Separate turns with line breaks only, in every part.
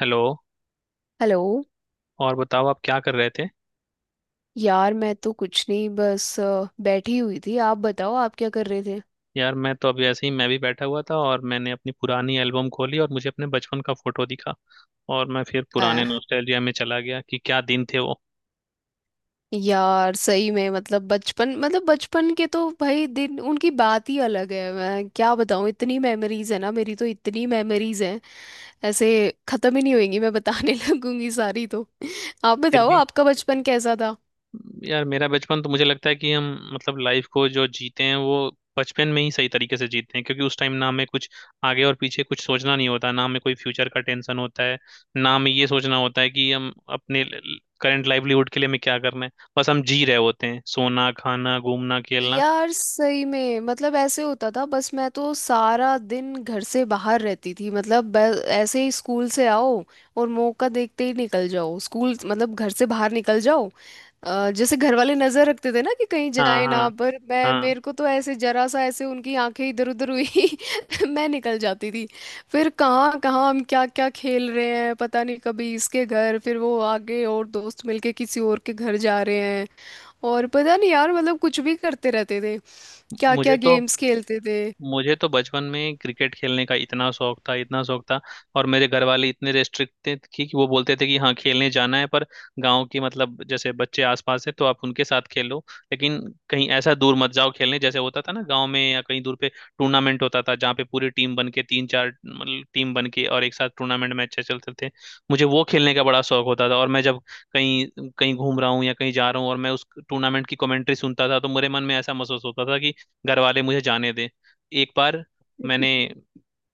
Hello.
Hello.
और बताओ आप क्या कर रहे थे?
यार, मैं तो कुछ नहीं, बस बैठी हुई थी। आप बताओ, आप क्या कर रहे थे?
यार मैं तो अभी ऐसे ही मैं भी बैठा हुआ था और मैंने अपनी पुरानी एल्बम खोली और मुझे अपने बचपन का फोटो दिखा। और मैं फिर पुराने
अ,
नॉस्टैल्जिया में चला गया कि क्या दिन थे वो।
यार सही में, मतलब बचपन, मतलब बचपन के तो भाई दिन, उनकी बात ही अलग है। मैं क्या बताऊँ, इतनी मेमोरीज है ना, मेरी तो इतनी मेमोरीज हैं, ऐसे खत्म ही नहीं होएंगी। मैं बताने लगूंगी सारी तो। आप
फिर
बताओ,
भी
आपका बचपन कैसा था?
यार मेरा बचपन तो मुझे लगता है कि हम मतलब लाइफ को जो जीते हैं वो बचपन में ही सही तरीके से जीते हैं, क्योंकि उस टाइम ना हमें कुछ आगे और पीछे कुछ सोचना नहीं होता, ना हमें कोई फ्यूचर का टेंशन होता है, ना हमें ये सोचना होता है कि हम अपने करंट लाइवलीहुड के लिए हमें क्या करना है। बस हम जी रहे होते हैं, सोना खाना घूमना खेलना।
यार सही में, मतलब ऐसे होता था, बस मैं तो सारा दिन घर से बाहर रहती थी। मतलब ऐसे ही स्कूल से आओ और मौका देखते ही निकल जाओ, स्कूल मतलब घर से बाहर निकल जाओ। जैसे घर वाले नजर रखते थे ना कि कहीं
हाँ,
जाए ना,
हाँ,
पर मैं,
हाँ।
मेरे को तो ऐसे जरा सा ऐसे उनकी आंखें इधर उधर हुई मैं निकल जाती थी। फिर कहाँ कहाँ हम, क्या क्या खेल रहे हैं पता नहीं, कभी इसके घर, फिर वो आगे और दोस्त मिलके किसी और के घर जा रहे हैं। और पता नहीं यार, मतलब कुछ भी करते रहते थे। क्या
मुझे
क्या
तो
गेम्स खेलते थे।
मुझे तो बचपन में क्रिकेट खेलने का इतना शौक था, इतना शौक था। और मेरे घर वाले इतने रेस्ट्रिक्ट थे कि वो बोलते थे कि हाँ खेलने जाना है पर गांव की मतलब जैसे बच्चे आसपास है तो आप उनके साथ खेलो, लेकिन कहीं ऐसा दूर मत जाओ खेलने, जैसे होता था ना गांव में या कहीं दूर पे टूर्नामेंट होता था जहाँ पे पूरी टीम बन के तीन चार मतलब टीम बन के और एक साथ टूर्नामेंट में अच्छे चलते थे। मुझे वो खेलने का बड़ा शौक होता था, और मैं जब कहीं कहीं घूम रहा हूँ या कहीं जा रहा हूँ और मैं उस टूर्नामेंट की कमेंट्री सुनता था, तो मेरे मन में ऐसा महसूस होता था कि घर वाले मुझे जाने दें। एक बार मैंने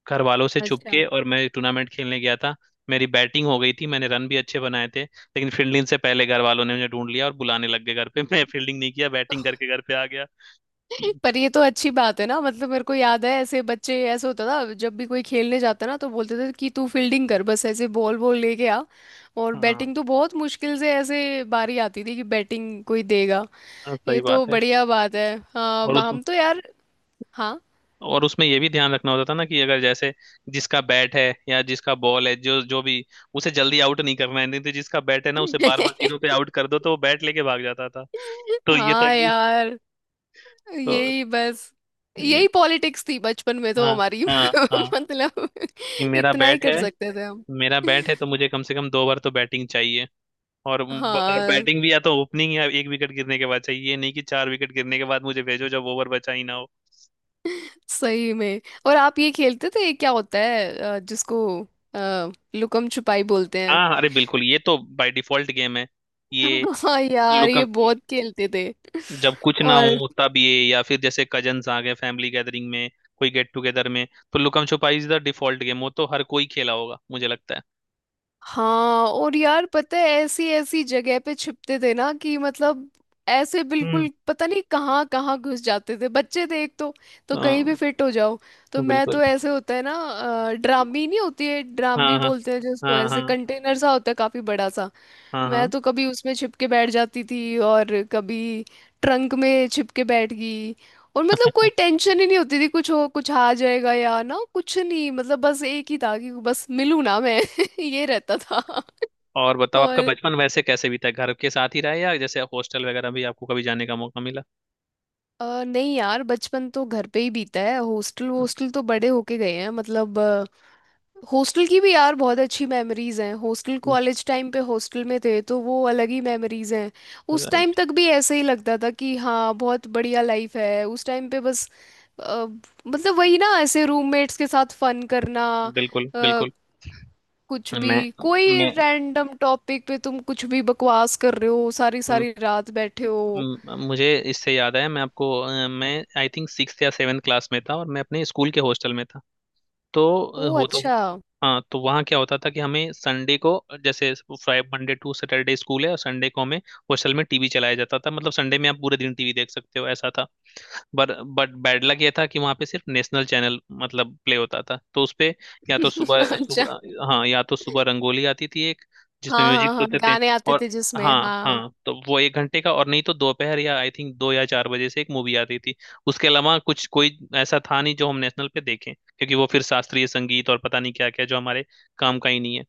घर वालों से छुप
अच्छा।
के और मैं टूर्नामेंट खेलने गया था। मेरी बैटिंग हो गई थी, मैंने रन भी अच्छे बनाए थे, लेकिन फील्डिंग से पहले घर वालों ने मुझे ढूंढ लिया और बुलाने लग गए घर पे। मैं फील्डिंग नहीं किया, बैटिंग करके घर पे आ गया।
पर ये तो अच्छी बात है ना। मतलब मेरे को याद है, ऐसे बच्चे, ऐसे होता था जब भी कोई खेलने जाता ना, तो बोलते थे कि तू फील्डिंग कर, बस ऐसे बॉल बॉल लेके आ। और
हाँ।
बैटिंग तो बहुत मुश्किल से ऐसे बारी आती थी कि बैटिंग कोई देगा।
हाँ,
ये
सही
तो
बात है।
बढ़िया बात है। हाँ,
और
म-
उस
हम तो यार, हाँ।
और उसमें ये भी ध्यान रखना होता था ना कि अगर जैसे जिसका बैट है या जिसका बॉल है, जो जो भी, उसे जल्दी आउट नहीं करना है, नहीं तो जिसका बैट है ना उसे बार बार जीरो पे आउट कर दो तो वो बैट लेके भाग जाता था। तो ये था
हाँ
कि।
यार,
तो
यही बस,
ये।
यही पॉलिटिक्स थी बचपन में तो
हाँ,
हमारी।
हाँ, हाँ,
मतलब
कि
इतना ही कर सकते थे हम।
मेरा बैट है तो मुझे कम से कम दो बार तो बैटिंग चाहिए। और और
हाँ,
बैटिंग भी या तो ओपनिंग या एक विकेट गिरने के बाद चाहिए, ये नहीं कि चार विकेट गिरने के बाद मुझे भेजो जब ओवर बचा ही ना हो।
सही में। और आप ये खेलते थे, ये क्या होता है, जिसको लुकम छुपाई बोलते हैं?
हाँ, अरे बिल्कुल ये तो बाय डिफॉल्ट गेम है। ये
हाँ यार, ये
लुकम
बहुत खेलते थे।
जब कुछ ना
और
हो तब ये, या फिर जैसे कजन्स आ गए फैमिली गैदरिंग में, कोई गेट टुगेदर में, तो लुकम छुपाई इज द डिफॉल्ट गेम, वो तो हर कोई खेला होगा मुझे लगता है।
हाँ, और यार पता है ऐसी ऐसी जगह पे छिपते थे ना कि मतलब ऐसे
हम्म।
बिल्कुल पता नहीं कहाँ कहाँ घुस जाते थे। बच्चे थे एक तो कहीं भी
हाँ,
फिट हो जाओ। तो मैं
बिल्कुल।
तो, ऐसे होता है ना ड्रामी, नहीं होती है ड्रामी
हाँ, हाँ,
बोलते हैं जिसको,
हाँ,
ऐसे
हाँ,
कंटेनर सा होता है काफी बड़ा सा।
हाँ,
मैं
हाँ।
तो कभी उसमें छिप के बैठ जाती थी, और कभी ट्रंक में छिप के बैठ गई। और मतलब कोई टेंशन ही नहीं होती थी, कुछ हो, कुछ आ जाएगा या ना, कुछ नहीं, मतलब बस एक ही था कि बस मिलूँ ना मैं। ये रहता था।
और बताओ आपका
और
बचपन वैसे कैसे बीता? घर के साथ ही रहा या जैसे हॉस्टल वगैरह भी आपको कभी जाने का मौका मिला?
नहीं यार, बचपन तो घर पे ही बीता है। हॉस्टल, हॉस्टल तो बड़े होके गए हैं, मतलब हॉस्टल की भी यार बहुत अच्छी मेमोरीज हैं। हॉस्टल, कॉलेज टाइम पे हॉस्टल में थे तो वो अलग ही मेमोरीज हैं। उस टाइम
राइट।
तक भी ऐसे ही लगता था कि हाँ बहुत बढ़िया लाइफ है उस टाइम पे। बस अ, मतलब वही ना, ऐसे रूममेट्स के साथ फन करना।
बिल्कुल,
अ,
बिल्कुल।
कुछ भी,
मैं
कोई
मैं
रैंडम टॉपिक पे तुम कुछ भी बकवास कर रहे हो, सारी
म-
सारी रात बैठे हो।
मुझे इससे याद आया। मैं आई थिंक सिक्स या सेवन क्लास में था, और मैं अपने स्कूल के हॉस्टल में था। तो अ,
ओ,
हो तो
अच्छा।
हाँ, तो वहाँ क्या होता था कि हमें संडे को, जैसे, Friday Monday to Saturday school है और संडे को हमें हॉस्टल में टीवी चलाया जाता था, मतलब संडे में आप पूरे दिन टीवी देख सकते हो, ऐसा था। बट बट बैड लक ये था कि वहां पे सिर्फ नेशनल चैनल मतलब प्ले होता था, तो उसपे या तो सुबह
अच्छा।
सुबह हाँ या तो सुबह रंगोली आती थी एक, जिसमें
हाँ हाँ
म्यूजिक
हाँ,
होते थे,
गाने आते
और
थे जिसमें,
हाँ।
हाँ।
हाँ, तो वो एक घंटे का, और नहीं तो दोपहर या आई थिंक दो या चार बजे से एक मूवी आती थी। उसके अलावा कुछ कोई ऐसा था नहीं जो हम नेशनल पे देखें, क्योंकि वो फिर शास्त्रीय संगीत और पता नहीं क्या क्या, जो हमारे काम का ही नहीं है।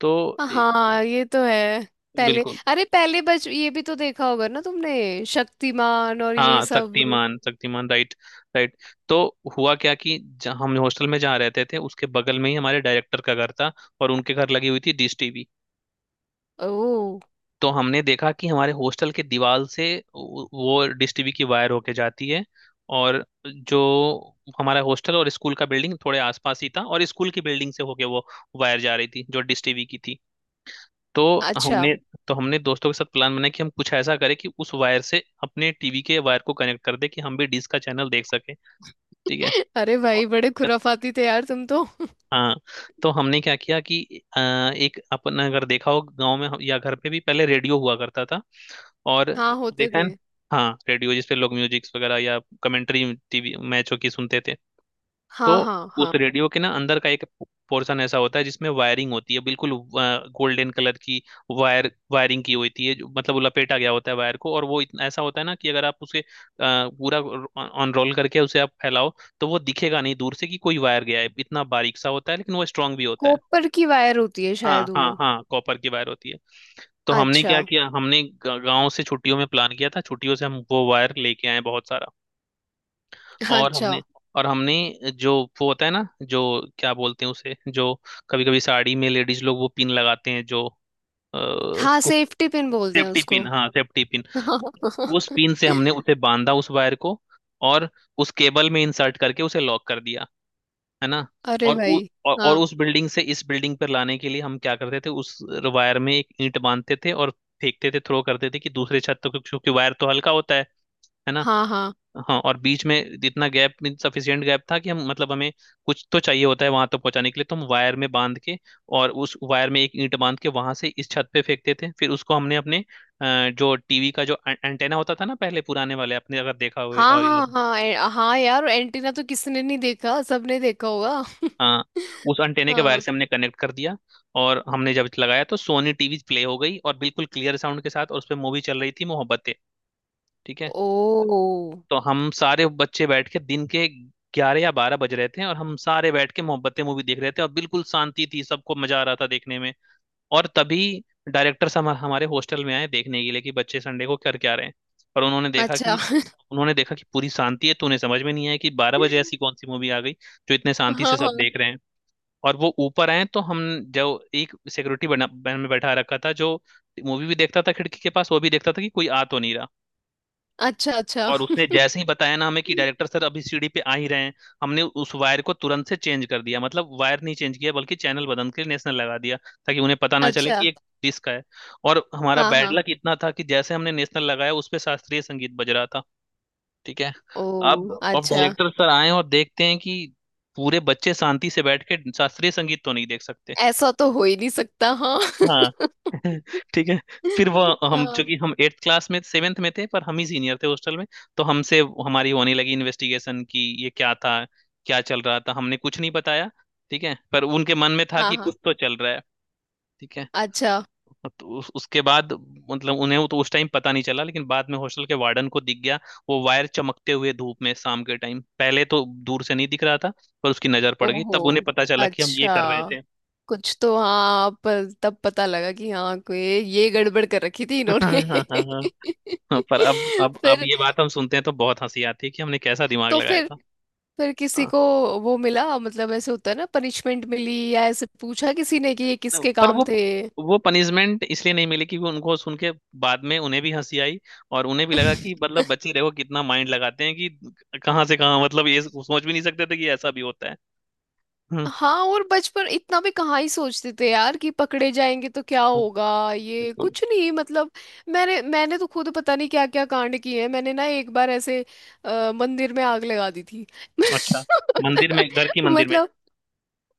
तो ए,
हाँ, ये तो है। पहले,
बिल्कुल।
अरे पहले बच, ये भी तो देखा होगा ना तुमने, शक्तिमान और ये
हाँ,
सब।
Shaktimaan, Shaktimaan, right, right. तो हुआ क्या कि जहाँ हम हॉस्टल में जहाँ रहते थे उसके बगल में ही हमारे डायरेक्टर का घर था, और उनके घर लगी हुई थी डिश टीवी।
ओ,
तो हमने देखा कि हमारे हॉस्टल के दीवार से वो डिश टीवी की वायर होके जाती है, और जो हमारा हॉस्टल और स्कूल का बिल्डिंग थोड़े आसपास ही था, और स्कूल की बिल्डिंग से होके वो वायर जा रही थी जो डिश टीवी की थी। तो
अच्छा।
हमने तो हमने दोस्तों के साथ प्लान बनाया कि हम कुछ ऐसा करें कि उस वायर से अपने टीवी के वायर को कनेक्ट कर दे कि हम भी डिश का चैनल देख सके। ठीक है।
अरे
और-
भाई, बड़े खुराफाती थे यार तुम तो।
हाँ, तो हमने क्या किया कि अ, एक अपन अगर देखा हो गांव में या घर पे भी पहले रेडियो हुआ करता था। और
हाँ, होते
देखा है
थे।
न- हाँ, रेडियो जिसपे लोग म्यूजिक्स वगैरह या कमेंट्री टीवी मैचों की सुनते थे।
हाँ
तो
हाँ
उस
हाँ,
रेडियो के ना अंदर का एक पोर्शन ऐसा होता है जिसमें वायरिंग होती है, बिल्कुल गोल्डन कलर की वायरिंग की होती है, मतलब वो लपेटा गया होता है वायर को, और वो इतना ऐसा होता है ना कि अगर आप उसे पूरा ऑन रोल करके उसे आप फैलाओ तो वो दिखेगा नहीं दूर से कि कोई वायर गया है, इतना बारीक सा होता है, लेकिन वो स्ट्रांग भी होता है।
कॉपर की वायर होती है
हाँ,
शायद वो।
हाँ, हाँ, कॉपर की वायर होती है। तो हमने
अच्छा।
क्या किया, हमने गांव से छुट्टियों में प्लान किया था, छुट्टियों से हम वो वायर लेके आए बहुत सारा। और
अच्छा।
हमने जो वो होता है ना, जो, क्या बोलते हैं उसे, जो कभी कभी साड़ी में लेडीज लोग वो पिन लगाते हैं, जो
हाँ,
कुछ,
सेफ्टी पिन बोलते हैं
सेफ्टी
उसको।
पिन, हाँ, सेफ्टी पिन। उस पिन से हमने उसे बांधा उस वायर को, और उस केबल में इंसर्ट करके उसे लॉक कर दिया, है ना।
अरे
और
भाई।
और
हाँ
उस बिल्डिंग से इस बिल्डिंग पर लाने के लिए हम क्या करते थे, उस वायर में एक ईंट बांधते थे और फेंकते थे, थ्रो करते थे कि दूसरे छत तक, क्योंकि वायर तो हल्का होता है ना।
हाँ हाँ।
हाँ, और बीच में इतना गैप सफिशिएंट गैप था कि हम मतलब हमें कुछ तो चाहिए होता है वहां तो पहुंचाने के लिए, तो हम वायर में बांध के और उस वायर में एक ईंट बांध के वहां से इस छत पे फेंकते थे, फिर उसको हमने अपने जो टीवी का जो एंटेना होता था ना पहले पुराने वाले, आपने अगर देखा हुए
हाँ
और याद
हाँ
हो,
हाँ। हाँ यार, एंटीना तो किसने नहीं देखा, सबने देखा होगा।
हाँ, उस एंटेने के वायर
हाँ।
से हमने कनेक्ट कर दिया। और हमने जब लगाया तो सोनी टीवी प्ले हो गई, और बिल्कुल क्लियर साउंड के साथ, और उस पर मूवी चल रही थी मोहब्बतें। ठीक है।
ओ,
तो हम सारे बच्चे बैठ के दिन के ग्यारह या बारह बज रहे थे, और हम सारे बैठ के मोहब्बतें मूवी देख रहे थे, और बिल्कुल शांति थी, सबको मजा आ रहा था देखने में। और तभी डायरेक्टर हम हमारे हॉस्टल में आए देखने के लिए कि बच्चे संडे को कर क्या रहे हैं। और उन्होंने देखा
अच्छा।
कि पूरी शांति है, तो उन्हें समझ में नहीं आया कि बारह बजे ऐसी कौन सी मूवी आ गई जो इतने शांति
हाँ
से सब
हाँ।
देख रहे हैं। और वो ऊपर आए, तो हम जो एक सिक्योरिटी बना में बैठा रखा था जो मूवी भी देखता था खिड़की के पास, वो भी देखता था कि कोई आ तो नहीं रहा।
अच्छा, अच्छा।
और उसने जैसे ही बताया ना हमें कि डायरेक्टर सर अभी सीढ़ी पे आ ही रहे हैं, हमने उस वायर को तुरंत से चेंज कर दिया, मतलब वायर नहीं चेंज किया बल्कि चैनल बदल के नेशनल लगा दिया, ताकि उन्हें पता ना चले
अच्छा।
कि ये डिश का है। और हमारा
हाँ
बैड
हाँ।
लक इतना था कि जैसे हमने नेशनल लगाया, उस पे शास्त्रीय संगीत बज रहा था। ठीक है।
ओ,
अब
अच्छा।
डायरेक्टर सर आए और देखते हैं कि पूरे बच्चे शांति से बैठ के शास्त्रीय संगीत तो नहीं देख सकते।
ऐसा तो हो ही नहीं सकता, हाँ।
हाँ। ठीक है। फिर वो
हाँ
हम
हाँ
चूंकि हम एट्थ क्लास में सेवेंथ में थे पर हम ही सीनियर थे हॉस्टल में, तो हमसे हमारी होने लगी इन्वेस्टिगेशन की ये क्या था, क्या चल रहा था। हमने कुछ नहीं बताया, ठीक है, पर उनके मन में था कि
हाँ।
कुछ तो चल रहा है। ठीक है।
अच्छा।
तो उसके बाद मतलब उन्हें तो उस टाइम पता नहीं चला, लेकिन बाद में हॉस्टल के वार्डन को दिख गया वो वायर चमकते हुए धूप में शाम के टाइम, पहले तो दूर से नहीं दिख रहा था पर उसकी नजर पड़ गई
ओहो,
तब उन्हें पता चला कि हम ये
अच्छा।
कर रहे थे।
कुछ तो, हाँ, पर तब पता लगा कि हाँ कोई ये गड़बड़ कर रखी थी
हाँ,
इन्होंने।
हाँ, हाँ। हाँ, पर अब अब अब
फिर
ये बात हम सुनते हैं तो बहुत हंसी आती है कि हमने कैसा दिमाग
तो,
लगाया
फिर
था।
फिर किसी
हाँ।
को वो मिला, मतलब ऐसे होता है ना पनिशमेंट मिली, या ऐसे पूछा किसी ने कि ये किसके
पर
काम
वो
थे?
वो पनिशमेंट इसलिए नहीं मिली कि वो उनको सुन के बाद में उन्हें भी हंसी आई, और उन्हें भी लगा कि मतलब बच्चे देखो कितना माइंड लगाते हैं कि कहाँ से कहाँ, मतलब ये सोच भी नहीं सकते थे कि ऐसा भी होता है। हम्म।
हाँ, और बचपन इतना भी कहाँ ही सोचते थे यार कि पकड़े जाएंगे तो क्या
हाँ,
होगा। ये
बिल्कुल।
कुछ नहीं, मतलब मैंने मैंने तो खुद पता नहीं क्या क्या कांड किए हैं। मैंने ना एक बार ऐसे मंदिर में आग लगा दी थी।
अच्छा, मंदिर में? घर की मंदिर में?
मतलब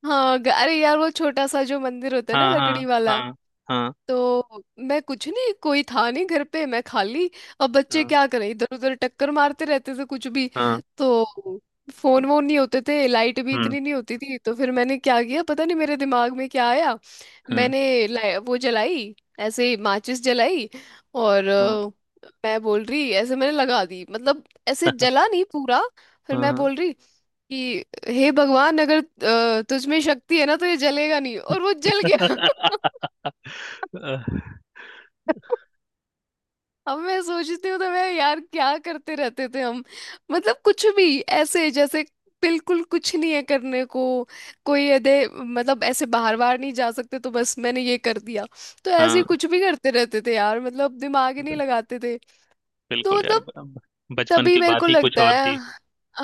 हाँ, अरे यार, वो छोटा सा जो मंदिर होता है ना
हाँ, हाँ,
लकड़ी वाला।
हाँ, हाँ,
तो मैं कुछ नहीं, कोई था नहीं घर पे, मैं खाली। अब बच्चे
हाँ,
क्या करें, इधर उधर टक्कर मारते रहते थे कुछ भी।
हाँ।
तो फोन वोन नहीं होते थे, लाइट भी
हम्म।
इतनी नहीं होती थी। तो फिर मैंने क्या किया, पता नहीं मेरे दिमाग में क्या आया,
हम्म।
मैंने वो जलाई, ऐसे माचिस जलाई। और
हाँ।
मैं बोल रही, ऐसे मैंने लगा दी, मतलब ऐसे जला नहीं पूरा। फिर मैं
हाँ।
बोल रही कि हे भगवान, अगर तुझ में शक्ति है ना तो ये जलेगा नहीं, और वो जल गया। अब मैं सोचती हूँ तो मैं, यार क्या करते रहते थे हम। मतलब कुछ भी, ऐसे जैसे बिल्कुल कुछ नहीं है करने को, कोई अदे, मतलब ऐसे बाहर बाहर नहीं जा सकते तो बस मैंने ये कर दिया। तो
हाँ।
ऐसे ही
हाँ,
कुछ भी करते रहते थे यार, मतलब दिमाग ही नहीं लगाते थे। तो
बिल्कुल यार।
मतलब,
बचपन
तभी
की
मेरे को
बात ही कुछ
लगता
और
है,
थी।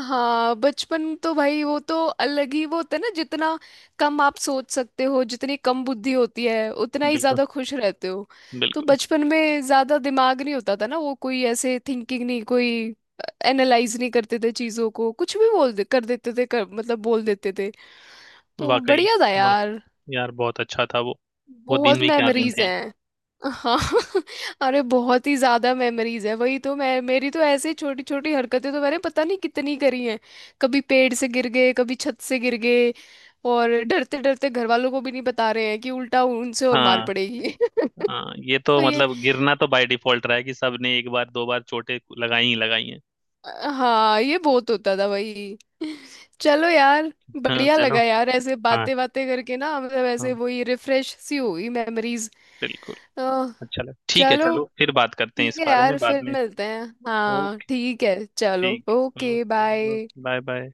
हाँ बचपन तो भाई वो तो अलग ही वो होता है ना, जितना कम आप सोच सकते हो, जितनी कम बुद्धि होती है उतना ही
बिल्कुल,
ज्यादा खुश रहते हो। तो
बिल्कुल।
बचपन में ज्यादा दिमाग नहीं होता था ना, वो कोई ऐसे थिंकिंग नहीं, कोई एनालाइज नहीं करते थे चीजों को, कुछ भी बोल दे, कर देते थे, मतलब बोल देते थे। तो
वाकई।
बढ़िया था
वा,
यार,
यार बहुत अच्छा था वो। वो दिन
बहुत
भी क्या दिन
मेमोरीज
थे।
हैं। हाँ। अरे बहुत ही ज्यादा मेमोरीज है, वही तो मैं, मेरी तो ऐसे छोटी छोटी हरकतें तो मैंने पता नहीं कितनी करी हैं। कभी पेड़ से गिर गए, कभी छत से गिर गए, और डरते डरते घर वालों को भी नहीं बता रहे हैं कि उल्टा उनसे और मार
हाँ।
पड़ेगी।
हाँ, ये
तो
तो
ये,
मतलब गिरना तो बाय डिफॉल्ट रहा है कि सबने एक बार दो बार चोटें लगाई ही लगाई हैं।
हाँ ये बहुत होता था भाई। चलो यार,
हाँ,
बढ़िया
चलो।
लगा यार ऐसे
हाँ।
बातें बातें करके ना, मतलब ऐसे
हाँ।
वही रिफ्रेश सी हुई मेमोरीज।
बिल्कुल। अच्छा लग, ठीक है,
चलो,
चलो फिर बात करते हैं
ठीक
इस
है
बारे में
यार,
बाद
फिर
में।
मिलते हैं, हाँ
ओके।
ठीक है, चलो,
ठीक।
Okay,
okay.
Bye.
Bye, bye.